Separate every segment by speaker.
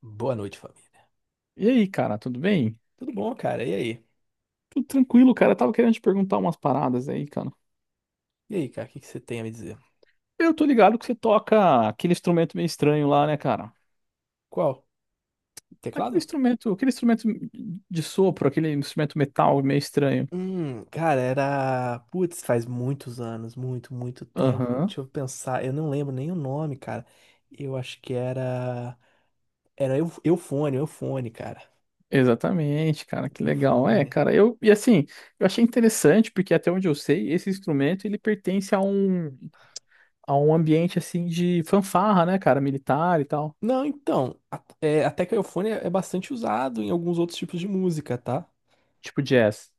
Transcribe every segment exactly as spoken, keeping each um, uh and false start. Speaker 1: Boa noite, família.
Speaker 2: E aí, cara, tudo bem?
Speaker 1: Tudo bom, cara? E aí?
Speaker 2: Tudo tranquilo, cara. Eu tava querendo te perguntar umas paradas aí, cara.
Speaker 1: E aí, cara? O que que você tem a me dizer?
Speaker 2: Eu tô ligado que você toca aquele instrumento meio estranho lá, né, cara?
Speaker 1: Qual?
Speaker 2: Aquele
Speaker 1: Teclado?
Speaker 2: instrumento, aquele instrumento de sopro, aquele instrumento metal meio estranho.
Speaker 1: Hum, cara, era. Putz, faz muitos anos, muito, muito tempo.
Speaker 2: Aham.
Speaker 1: Deixa eu pensar, eu não lembro nem o nome, cara. Eu acho que era. Era Eu- Eufone, Eufone, cara.
Speaker 2: Exatamente, cara, que legal. É,
Speaker 1: Eufone.
Speaker 2: cara, eu e assim, eu achei interessante porque até onde eu sei, esse instrumento ele pertence a um a um ambiente assim de fanfarra, né, cara, militar e tal,
Speaker 1: Não, então, a- é, até que o Eufone é é bastante usado em alguns outros tipos de música, tá?
Speaker 2: tipo jazz.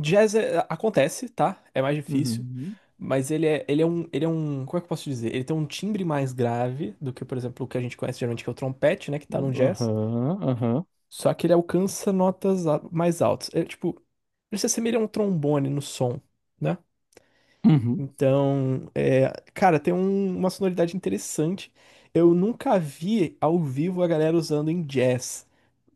Speaker 1: Jazz é- acontece, tá? É mais difícil,
Speaker 2: Uhum.
Speaker 1: mas ele é, ele é um, ele é um, como é que eu posso dizer? Ele tem um timbre mais grave do que, por exemplo, o que a gente conhece geralmente, que é o trompete, né, que tá no jazz.
Speaker 2: Aham, aham.
Speaker 1: Só que ele alcança notas a- mais altas. É tipo, ele se assemelha a um trombone no som, né?
Speaker 2: Uhum.
Speaker 1: Então, é, cara, tem um- uma sonoridade interessante. Eu nunca vi ao vivo a galera usando em jazz,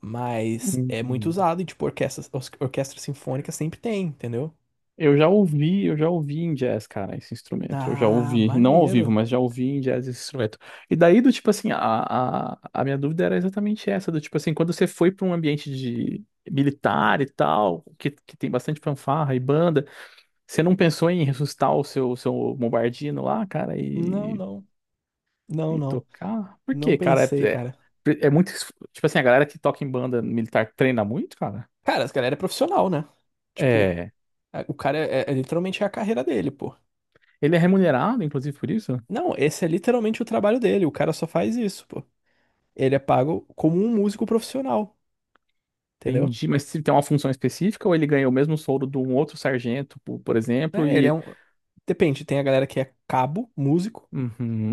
Speaker 1: mas é muito
Speaker 2: Uhum.
Speaker 1: usado e tipo orquestras, orquestras sinfônicas sempre tem, entendeu?
Speaker 2: Eu já ouvi, eu já ouvi em jazz, cara, esse instrumento. Eu já
Speaker 1: Ah,
Speaker 2: ouvi, não ao vivo,
Speaker 1: maneiro.
Speaker 2: mas já ouvi em jazz esse instrumento. E daí, do tipo assim, a, a, a minha dúvida era exatamente essa, do tipo assim, quando você foi para um ambiente de militar e tal, que, que tem bastante fanfarra e banda, você não pensou em ressuscitar o seu, seu bombardino lá, cara,
Speaker 1: Não,
Speaker 2: e,
Speaker 1: não. Não,
Speaker 2: e
Speaker 1: não.
Speaker 2: tocar? Por
Speaker 1: Não
Speaker 2: quê, cara?
Speaker 1: pensei,
Speaker 2: É,
Speaker 1: cara.
Speaker 2: é, é muito, es- tipo assim, a galera que toca em banda militar treina muito, cara?
Speaker 1: Cara, esse galera é profissional, né? Tipo,
Speaker 2: É.
Speaker 1: a- o cara é, é- é literalmente é a carreira dele, pô.
Speaker 2: Ele é remunerado, inclusive, por isso?
Speaker 1: Não, esse é literalmente o trabalho dele. O cara só faz isso, pô. Ele é pago como um músico profissional, entendeu?
Speaker 2: Entendi, mas se tem uma função específica ou ele ganha o mesmo soldo de um outro sargento, po- por exemplo,
Speaker 1: É, ele é
Speaker 2: e
Speaker 1: um. Depende, tem a galera que é cabo, músico,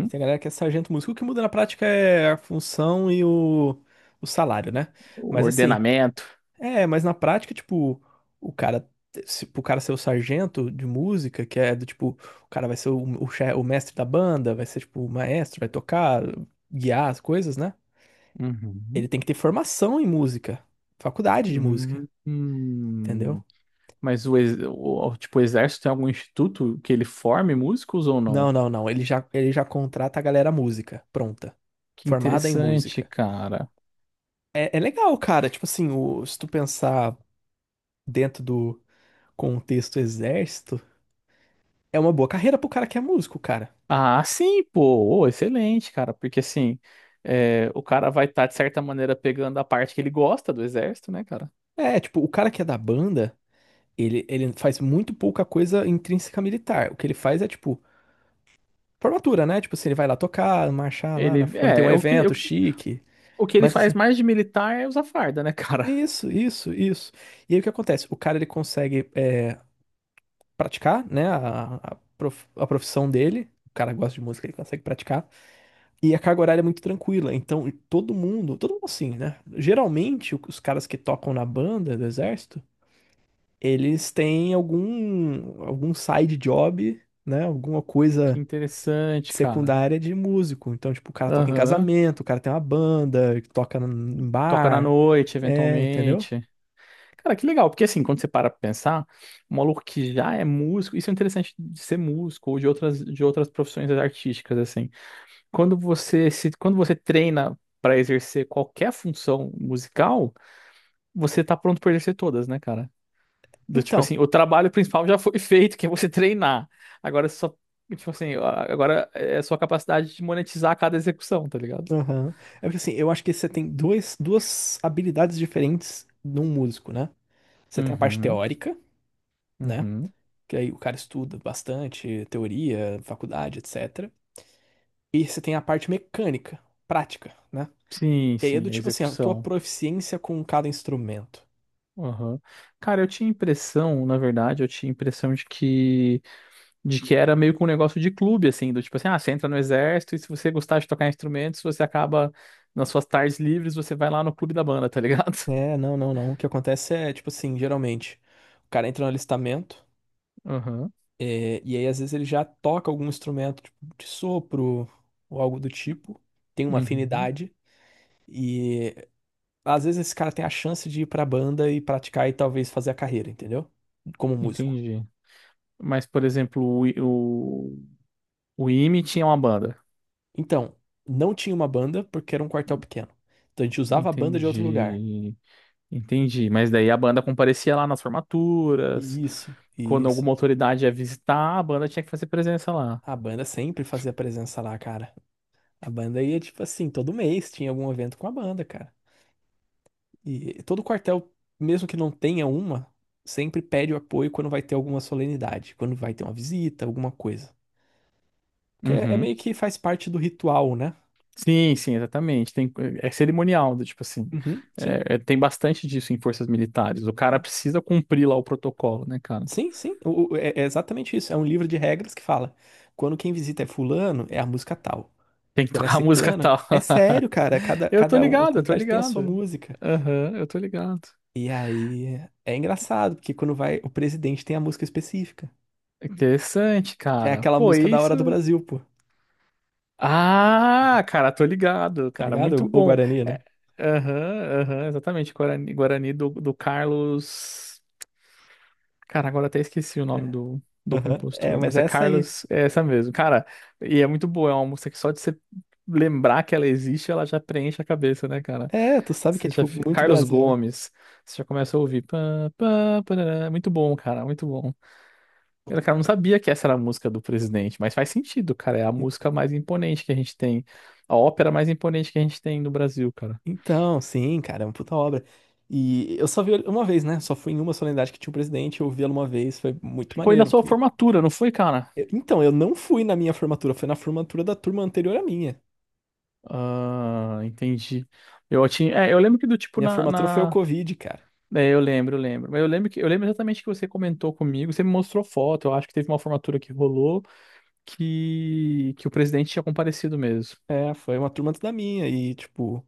Speaker 1: e tem a galera que é sargento músico. O que muda na prática é a função e o, o salário, né?
Speaker 2: o
Speaker 1: Mas assim.
Speaker 2: ordenamento.
Speaker 1: É, mas na prática, tipo, o cara, se, pro cara ser o sargento de música, que é do tipo, o cara vai ser o, o, che- o mestre da banda, vai ser tipo o maestro, vai tocar, guiar as coisas, né? Ele
Speaker 2: Uhum.
Speaker 1: tem que ter formação em música, faculdade de música,
Speaker 2: Hum,
Speaker 1: entendeu?
Speaker 2: hum. Mas o, ex- o- tipo, o exército tem algum instituto que ele forme músicos ou não?
Speaker 1: Não, não, não, ele já, ele já contrata a galera música, pronta,
Speaker 2: Que
Speaker 1: formada em
Speaker 2: interessante,
Speaker 1: música.
Speaker 2: cara.
Speaker 1: É, é legal, cara, tipo assim, o- se tu pensar dentro do contexto exército, é uma boa carreira pro cara que é músico, cara.
Speaker 2: Ah, sim, pô, ô, excelente, cara, porque assim, é, o cara vai estar, de certa maneira, pegando a parte que ele gosta do exército, né, cara?
Speaker 1: É, tipo, o cara que é da banda. Ele, ele faz muito pouca coisa intrínseca militar. O que ele faz é, tipo, formatura, né? Tipo assim, ele vai lá tocar, marchar lá, na-
Speaker 2: Ele,
Speaker 1: quando tem
Speaker 2: é,
Speaker 1: um
Speaker 2: é o que, o
Speaker 1: evento
Speaker 2: que
Speaker 1: chique.
Speaker 2: O que ele
Speaker 1: Mas
Speaker 2: faz
Speaker 1: assim,
Speaker 2: mais de militar é usar farda, né, cara?
Speaker 1: isso, isso, isso. E aí o que acontece? O cara, ele consegue é, praticar, né? A, a, prof- a profissão dele. O cara gosta de música, ele consegue praticar. E a carga horária é muito tranquila. Então, todo mundo, todo mundo assim, né? Geralmente, o- os caras que tocam na banda do exército, eles têm algum, algum side job, né? Alguma
Speaker 2: Que
Speaker 1: coisa
Speaker 2: interessante, cara.
Speaker 1: secundária de músico. Então, tipo, o cara toca em
Speaker 2: Aham.
Speaker 1: casamento, o cara tem uma banda, toca em
Speaker 2: Toca na
Speaker 1: bar.
Speaker 2: noite,
Speaker 1: É, entendeu?
Speaker 2: eventualmente. Cara, que legal, porque assim, quando você para pra pensar, um maluco que já é músico, isso é interessante de ser músico ou de outras, de outras profissões artísticas, assim. Quando você se, quando você treina pra exercer qualquer função musical, você tá pronto pra exercer todas, né, cara? Do tipo
Speaker 1: Então,
Speaker 2: assim, o trabalho principal já foi feito, que é você treinar. Agora é só, tipo assim, a- agora é a sua capacidade de monetizar cada execução, tá ligado?
Speaker 1: aham. É porque assim, eu acho que você tem dois, duas habilidades diferentes num músico, né? Você tem a parte
Speaker 2: Uhum,
Speaker 1: teórica, né?
Speaker 2: uhum.
Speaker 1: Que aí o cara estuda bastante, teoria, faculdade, et cetera. E você tem a parte mecânica, prática, né?
Speaker 2: Sim,
Speaker 1: Que aí é
Speaker 2: sim,
Speaker 1: do
Speaker 2: a
Speaker 1: tipo assim, a tua
Speaker 2: execução.
Speaker 1: proficiência com cada instrumento.
Speaker 2: Aham. Cara, eu tinha impressão, na verdade, eu tinha impressão de que de que era meio que um negócio de clube, assim, do tipo assim, ah, você entra no exército e se você gostar de tocar instrumentos, você acaba nas suas tardes livres, você vai lá no clube da banda, tá ligado?
Speaker 1: É, não, não, não. O que acontece é, tipo assim, geralmente, o cara entra no alistamento.
Speaker 2: Aham.
Speaker 1: É, e aí, às vezes, ele já toca algum instrumento, tipo, de sopro ou algo do tipo, tem uma
Speaker 2: Uhum.
Speaker 1: afinidade, e às vezes esse cara tem a chance de ir pra banda e praticar e talvez fazer a carreira, entendeu? Como músico.
Speaker 2: Entendi. Mas, por exemplo, o, o IME tinha uma banda.
Speaker 1: Então, não tinha uma banda porque era um quartel pequeno. Então a gente usava a banda de outro lugar.
Speaker 2: Entendi. Entendi. Mas daí a banda comparecia lá nas formaturas.
Speaker 1: Isso,
Speaker 2: Quando
Speaker 1: isso.
Speaker 2: alguma autoridade ia visitar, a banda tinha que fazer presença lá.
Speaker 1: A banda sempre fazia presença lá, cara. A banda ia, tipo assim, todo mês tinha algum evento com a banda, cara. E todo quartel, mesmo que não tenha uma, sempre pede o apoio quando vai ter alguma solenidade, quando vai ter uma visita, alguma coisa. Porque é, é
Speaker 2: Uhum.
Speaker 1: meio que faz parte do ritual, né?
Speaker 2: Sim, sim, exatamente. Tem, é cerimonial, do tipo assim.
Speaker 1: Uhum, sim.
Speaker 2: É- é- tem bastante disso em forças militares. O
Speaker 1: É.
Speaker 2: cara precisa cumprir lá o protocolo, né, cara?
Speaker 1: Sim, sim. O- o- é, é exatamente isso. É um livro de regras que fala: quando quem visita é fulano, é a música tal.
Speaker 2: Tem que
Speaker 1: Quando é
Speaker 2: tocar música
Speaker 1: ciclana,
Speaker 2: tal.
Speaker 1: é sério, cara. Cada,
Speaker 2: Eu tô
Speaker 1: cada um-
Speaker 2: ligado, eu tô
Speaker 1: autoridade tem a sua
Speaker 2: ligado.
Speaker 1: música.
Speaker 2: Aham, eu tô ligado.
Speaker 1: E aí é engraçado, porque quando vai, o presidente tem a música específica,
Speaker 2: Interessante,
Speaker 1: que é
Speaker 2: cara.
Speaker 1: aquela
Speaker 2: Pô,
Speaker 1: música da hora do
Speaker 2: isso.
Speaker 1: Brasil, pô.
Speaker 2: Ah, cara, tô ligado,
Speaker 1: Tá
Speaker 2: cara, muito
Speaker 1: ligado? O, o
Speaker 2: bom.
Speaker 1: Guarani, né?
Speaker 2: É, aham, aham, exatamente, Guarani, Guarani do, do Carlos. Cara, agora até esqueci o nome
Speaker 1: É.
Speaker 2: do, do
Speaker 1: Aham. É,
Speaker 2: compositor,
Speaker 1: mas
Speaker 2: mas é
Speaker 1: é essa aí.
Speaker 2: Carlos, é essa mesmo, cara, e é muito boa, é uma música que só de você lembrar que ela existe, ela já preenche a cabeça, né, cara?
Speaker 1: É, tu sabe que
Speaker 2: Você
Speaker 1: é,
Speaker 2: já,
Speaker 1: tipo,
Speaker 2: fi-
Speaker 1: muito
Speaker 2: Carlos
Speaker 1: Brasil, né?
Speaker 2: Gomes, você já começa a ouvir. Pá, pá, parará, muito bom, cara, muito bom. Eu, cara, não sabia que essa era a música do presidente, mas faz sentido, cara. É a
Speaker 1: En-
Speaker 2: música mais imponente que a gente tem. A ópera mais imponente que a gente tem no Brasil, cara.
Speaker 1: Então, sim, cara, é uma puta obra. E eu só vi ele uma vez, né? Só fui em uma solenidade que tinha o presidente, eu vi ela uma vez, foi muito
Speaker 2: Foi na
Speaker 1: maneiro.
Speaker 2: sua
Speaker 1: porque-
Speaker 2: formatura, não foi, cara?
Speaker 1: Eu- Então, eu não fui na minha formatura, foi na formatura da turma anterior à minha.
Speaker 2: Ah, entendi. Eu tinha. É, eu lembro que do tipo
Speaker 1: Minha
Speaker 2: na,
Speaker 1: formatura foi o
Speaker 2: na...
Speaker 1: Covid, cara.
Speaker 2: É, eu lembro, eu lembro. Mas eu lembro que eu lembro exatamente que você comentou comigo, você me mostrou foto. Eu acho que teve uma formatura que rolou que, que o presidente tinha comparecido mesmo.
Speaker 1: É, foi uma turma antes da minha e, tipo,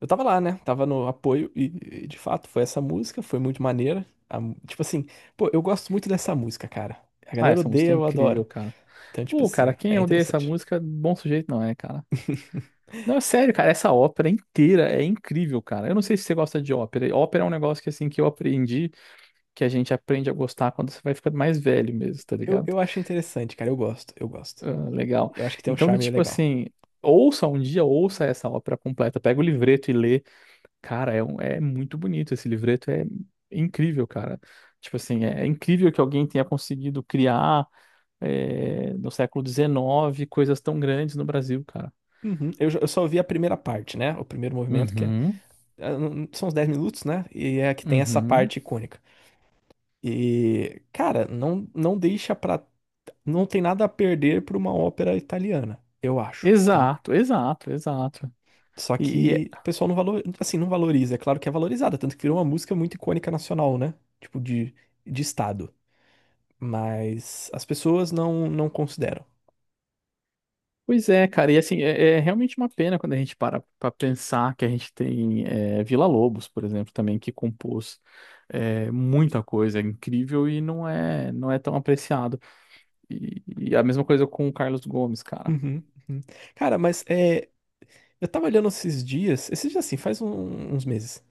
Speaker 1: eu tava lá, né? Tava no apoio e, e, de fato, foi essa música, foi muito maneira. A mu- tipo assim, pô, eu gosto muito dessa música, cara. A
Speaker 2: Ah,
Speaker 1: galera
Speaker 2: essa
Speaker 1: odeia,
Speaker 2: música é
Speaker 1: eu adoro.
Speaker 2: incrível, cara.
Speaker 1: Então, tipo
Speaker 2: Pô, cara,
Speaker 1: assim,
Speaker 2: quem
Speaker 1: é
Speaker 2: odeia essa
Speaker 1: interessante.
Speaker 2: música, bom sujeito não é, cara. Não, é sério, cara, essa ópera inteira é incrível, cara. Eu não sei se você gosta de ópera. Ópera é um negócio que, assim, que eu aprendi, que a gente aprende a gostar quando você vai ficando mais velho mesmo, tá
Speaker 1: Eu,
Speaker 2: ligado?
Speaker 1: eu acho interessante, cara. Eu gosto, eu gosto.
Speaker 2: Ah, legal.
Speaker 1: Eu acho que tem um
Speaker 2: Então, do
Speaker 1: charme
Speaker 2: tipo
Speaker 1: legal.
Speaker 2: assim, ouça um dia, ouça essa ópera completa, pega o livreto e lê. Cara, é, um- é muito bonito esse livreto, é incrível, cara. Tipo assim, é é incrível que alguém tenha conseguido criar, eh, no século dezenove, coisas tão grandes no Brasil, cara.
Speaker 1: Uhum. Eu, já- eu só vi a primeira parte, né? O primeiro movimento, que é.
Speaker 2: Uhum,
Speaker 1: é, não- São os dez minutos, né? E é que tem essa
Speaker 2: uhum.
Speaker 1: parte icônica. E, cara, não, não deixa pra. Não tem nada a perder pra uma ópera italiana, eu acho, tá?
Speaker 2: Exato, exato, exato.
Speaker 1: Só
Speaker 2: E, e é-
Speaker 1: que o pessoal não valor, assim, não valoriza. É claro que é valorizada, tanto que virou uma música muito icônica nacional, né? Tipo, de, de estado. Mas as pessoas não, não consideram.
Speaker 2: pois é, cara, e assim, é, é realmente uma pena quando a gente para para pensar que a gente tem é, Villa-Lobos, por exemplo, também, que compôs é, muita coisa é incrível e não é, não é tão apreciado. E, e a mesma coisa com o Carlos Gomes, cara.
Speaker 1: Uhum, uhum. Cara, mas é, eu tava olhando esses dias, esses dias assim, faz um- uns meses,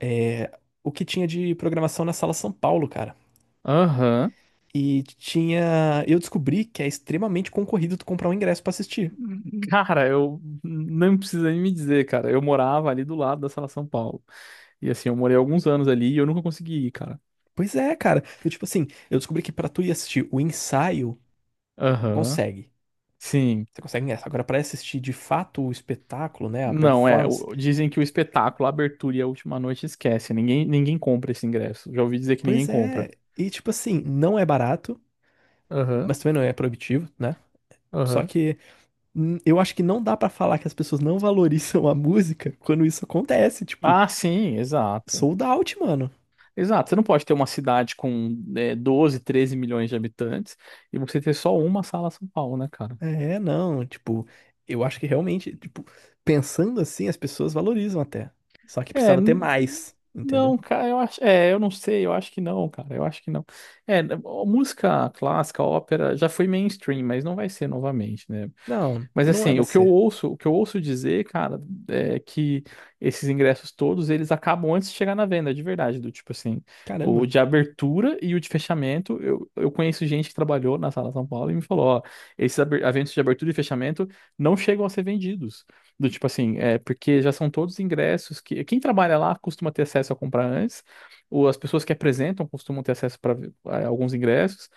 Speaker 1: é, o que tinha de programação na Sala São Paulo, cara.
Speaker 2: Aham.
Speaker 1: E tinha. Eu descobri que é extremamente concorrido tu comprar um ingresso pra assistir.
Speaker 2: Cara, eu não precisa nem me dizer, cara. Eu morava ali do lado da Sala São Paulo. E assim, eu morei alguns anos ali e eu nunca consegui ir, cara.
Speaker 1: Pois é, cara. Eu, tipo assim, eu descobri que pra tu ir assistir o ensaio,
Speaker 2: Aham.
Speaker 1: consegue.
Speaker 2: Sim.
Speaker 1: Você consegue ingresso. Agora, pra assistir de fato o espetáculo, né, a
Speaker 2: Não, é.
Speaker 1: performance.
Speaker 2: o- Dizem que o espetáculo, a abertura e a última noite esquece. Ninguém, ninguém compra esse ingresso. Já ouvi dizer que ninguém
Speaker 1: Pois
Speaker 2: compra.
Speaker 1: é. E, tipo assim, não é barato,
Speaker 2: Aham,
Speaker 1: mas também não é proibitivo, né? Só
Speaker 2: aham.
Speaker 1: que. Hum, Eu acho que não dá pra falar que as pessoas não valorizam a música quando isso acontece, tipo,
Speaker 2: Ah, sim, exato.
Speaker 1: sold out, mano.
Speaker 2: Exato. Você não pode ter uma cidade com é, doze, treze milhões de habitantes e você ter só uma Sala São Paulo, né, cara?
Speaker 1: É, não, tipo, eu acho que realmente, tipo, pensando assim, as pessoas valorizam até. Só que
Speaker 2: É,
Speaker 1: precisava ter
Speaker 2: n-
Speaker 1: mais, entendeu?
Speaker 2: não, cara, eu acho, é, eu não sei, eu acho que não, cara, eu acho que não. É, n- música clássica, a ópera, já foi mainstream, mas não vai ser novamente, né?
Speaker 1: Não,
Speaker 2: Mas
Speaker 1: não é
Speaker 2: assim,
Speaker 1: pra
Speaker 2: o que eu
Speaker 1: ser.
Speaker 2: ouço, o que eu ouço dizer, cara, é que esses ingressos todos, eles acabam antes de chegar na venda, de verdade, do tipo assim, o
Speaker 1: Caramba.
Speaker 2: de abertura e o de fechamento, eu, eu conheço gente que trabalhou na Sala São Paulo e me falou, ó, esses aber- eventos de abertura e fechamento não chegam a ser vendidos. Do tipo assim, é porque já são todos ingressos que quem trabalha lá costuma ter acesso a comprar antes, ou as pessoas que apresentam costumam ter acesso para alguns ingressos.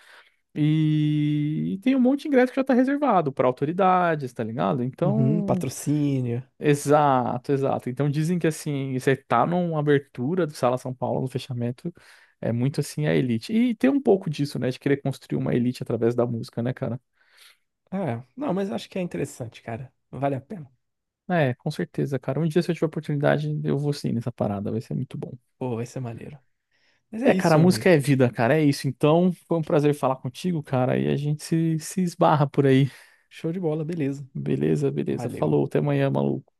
Speaker 2: E tem um monte de ingresso que já tá reservado para autoridades, tá ligado?
Speaker 1: Uhum,
Speaker 2: Então,
Speaker 1: patrocínio.
Speaker 2: exato, exato. Então dizem que assim, você tá numa abertura do Sala São Paulo, no fechamento, é muito assim a elite. E tem um pouco disso, né, de querer construir uma elite através da música, né, cara?
Speaker 1: Ah, não, mas acho que é interessante, cara. Vale a pena.
Speaker 2: É, com certeza, cara. Um dia se eu tiver oportunidade, eu vou sim nessa parada, vai ser muito bom.
Speaker 1: Pô, vai ser maneiro. Mas é
Speaker 2: É, cara,
Speaker 1: isso,
Speaker 2: a
Speaker 1: meu
Speaker 2: música
Speaker 1: amigo.
Speaker 2: é vida, cara. É isso. Então, foi um prazer falar contigo, cara, e a gente se, se esbarra por aí.
Speaker 1: Show de bola, beleza.
Speaker 2: Beleza, beleza.
Speaker 1: Valeu.
Speaker 2: Falou, até amanhã, maluco.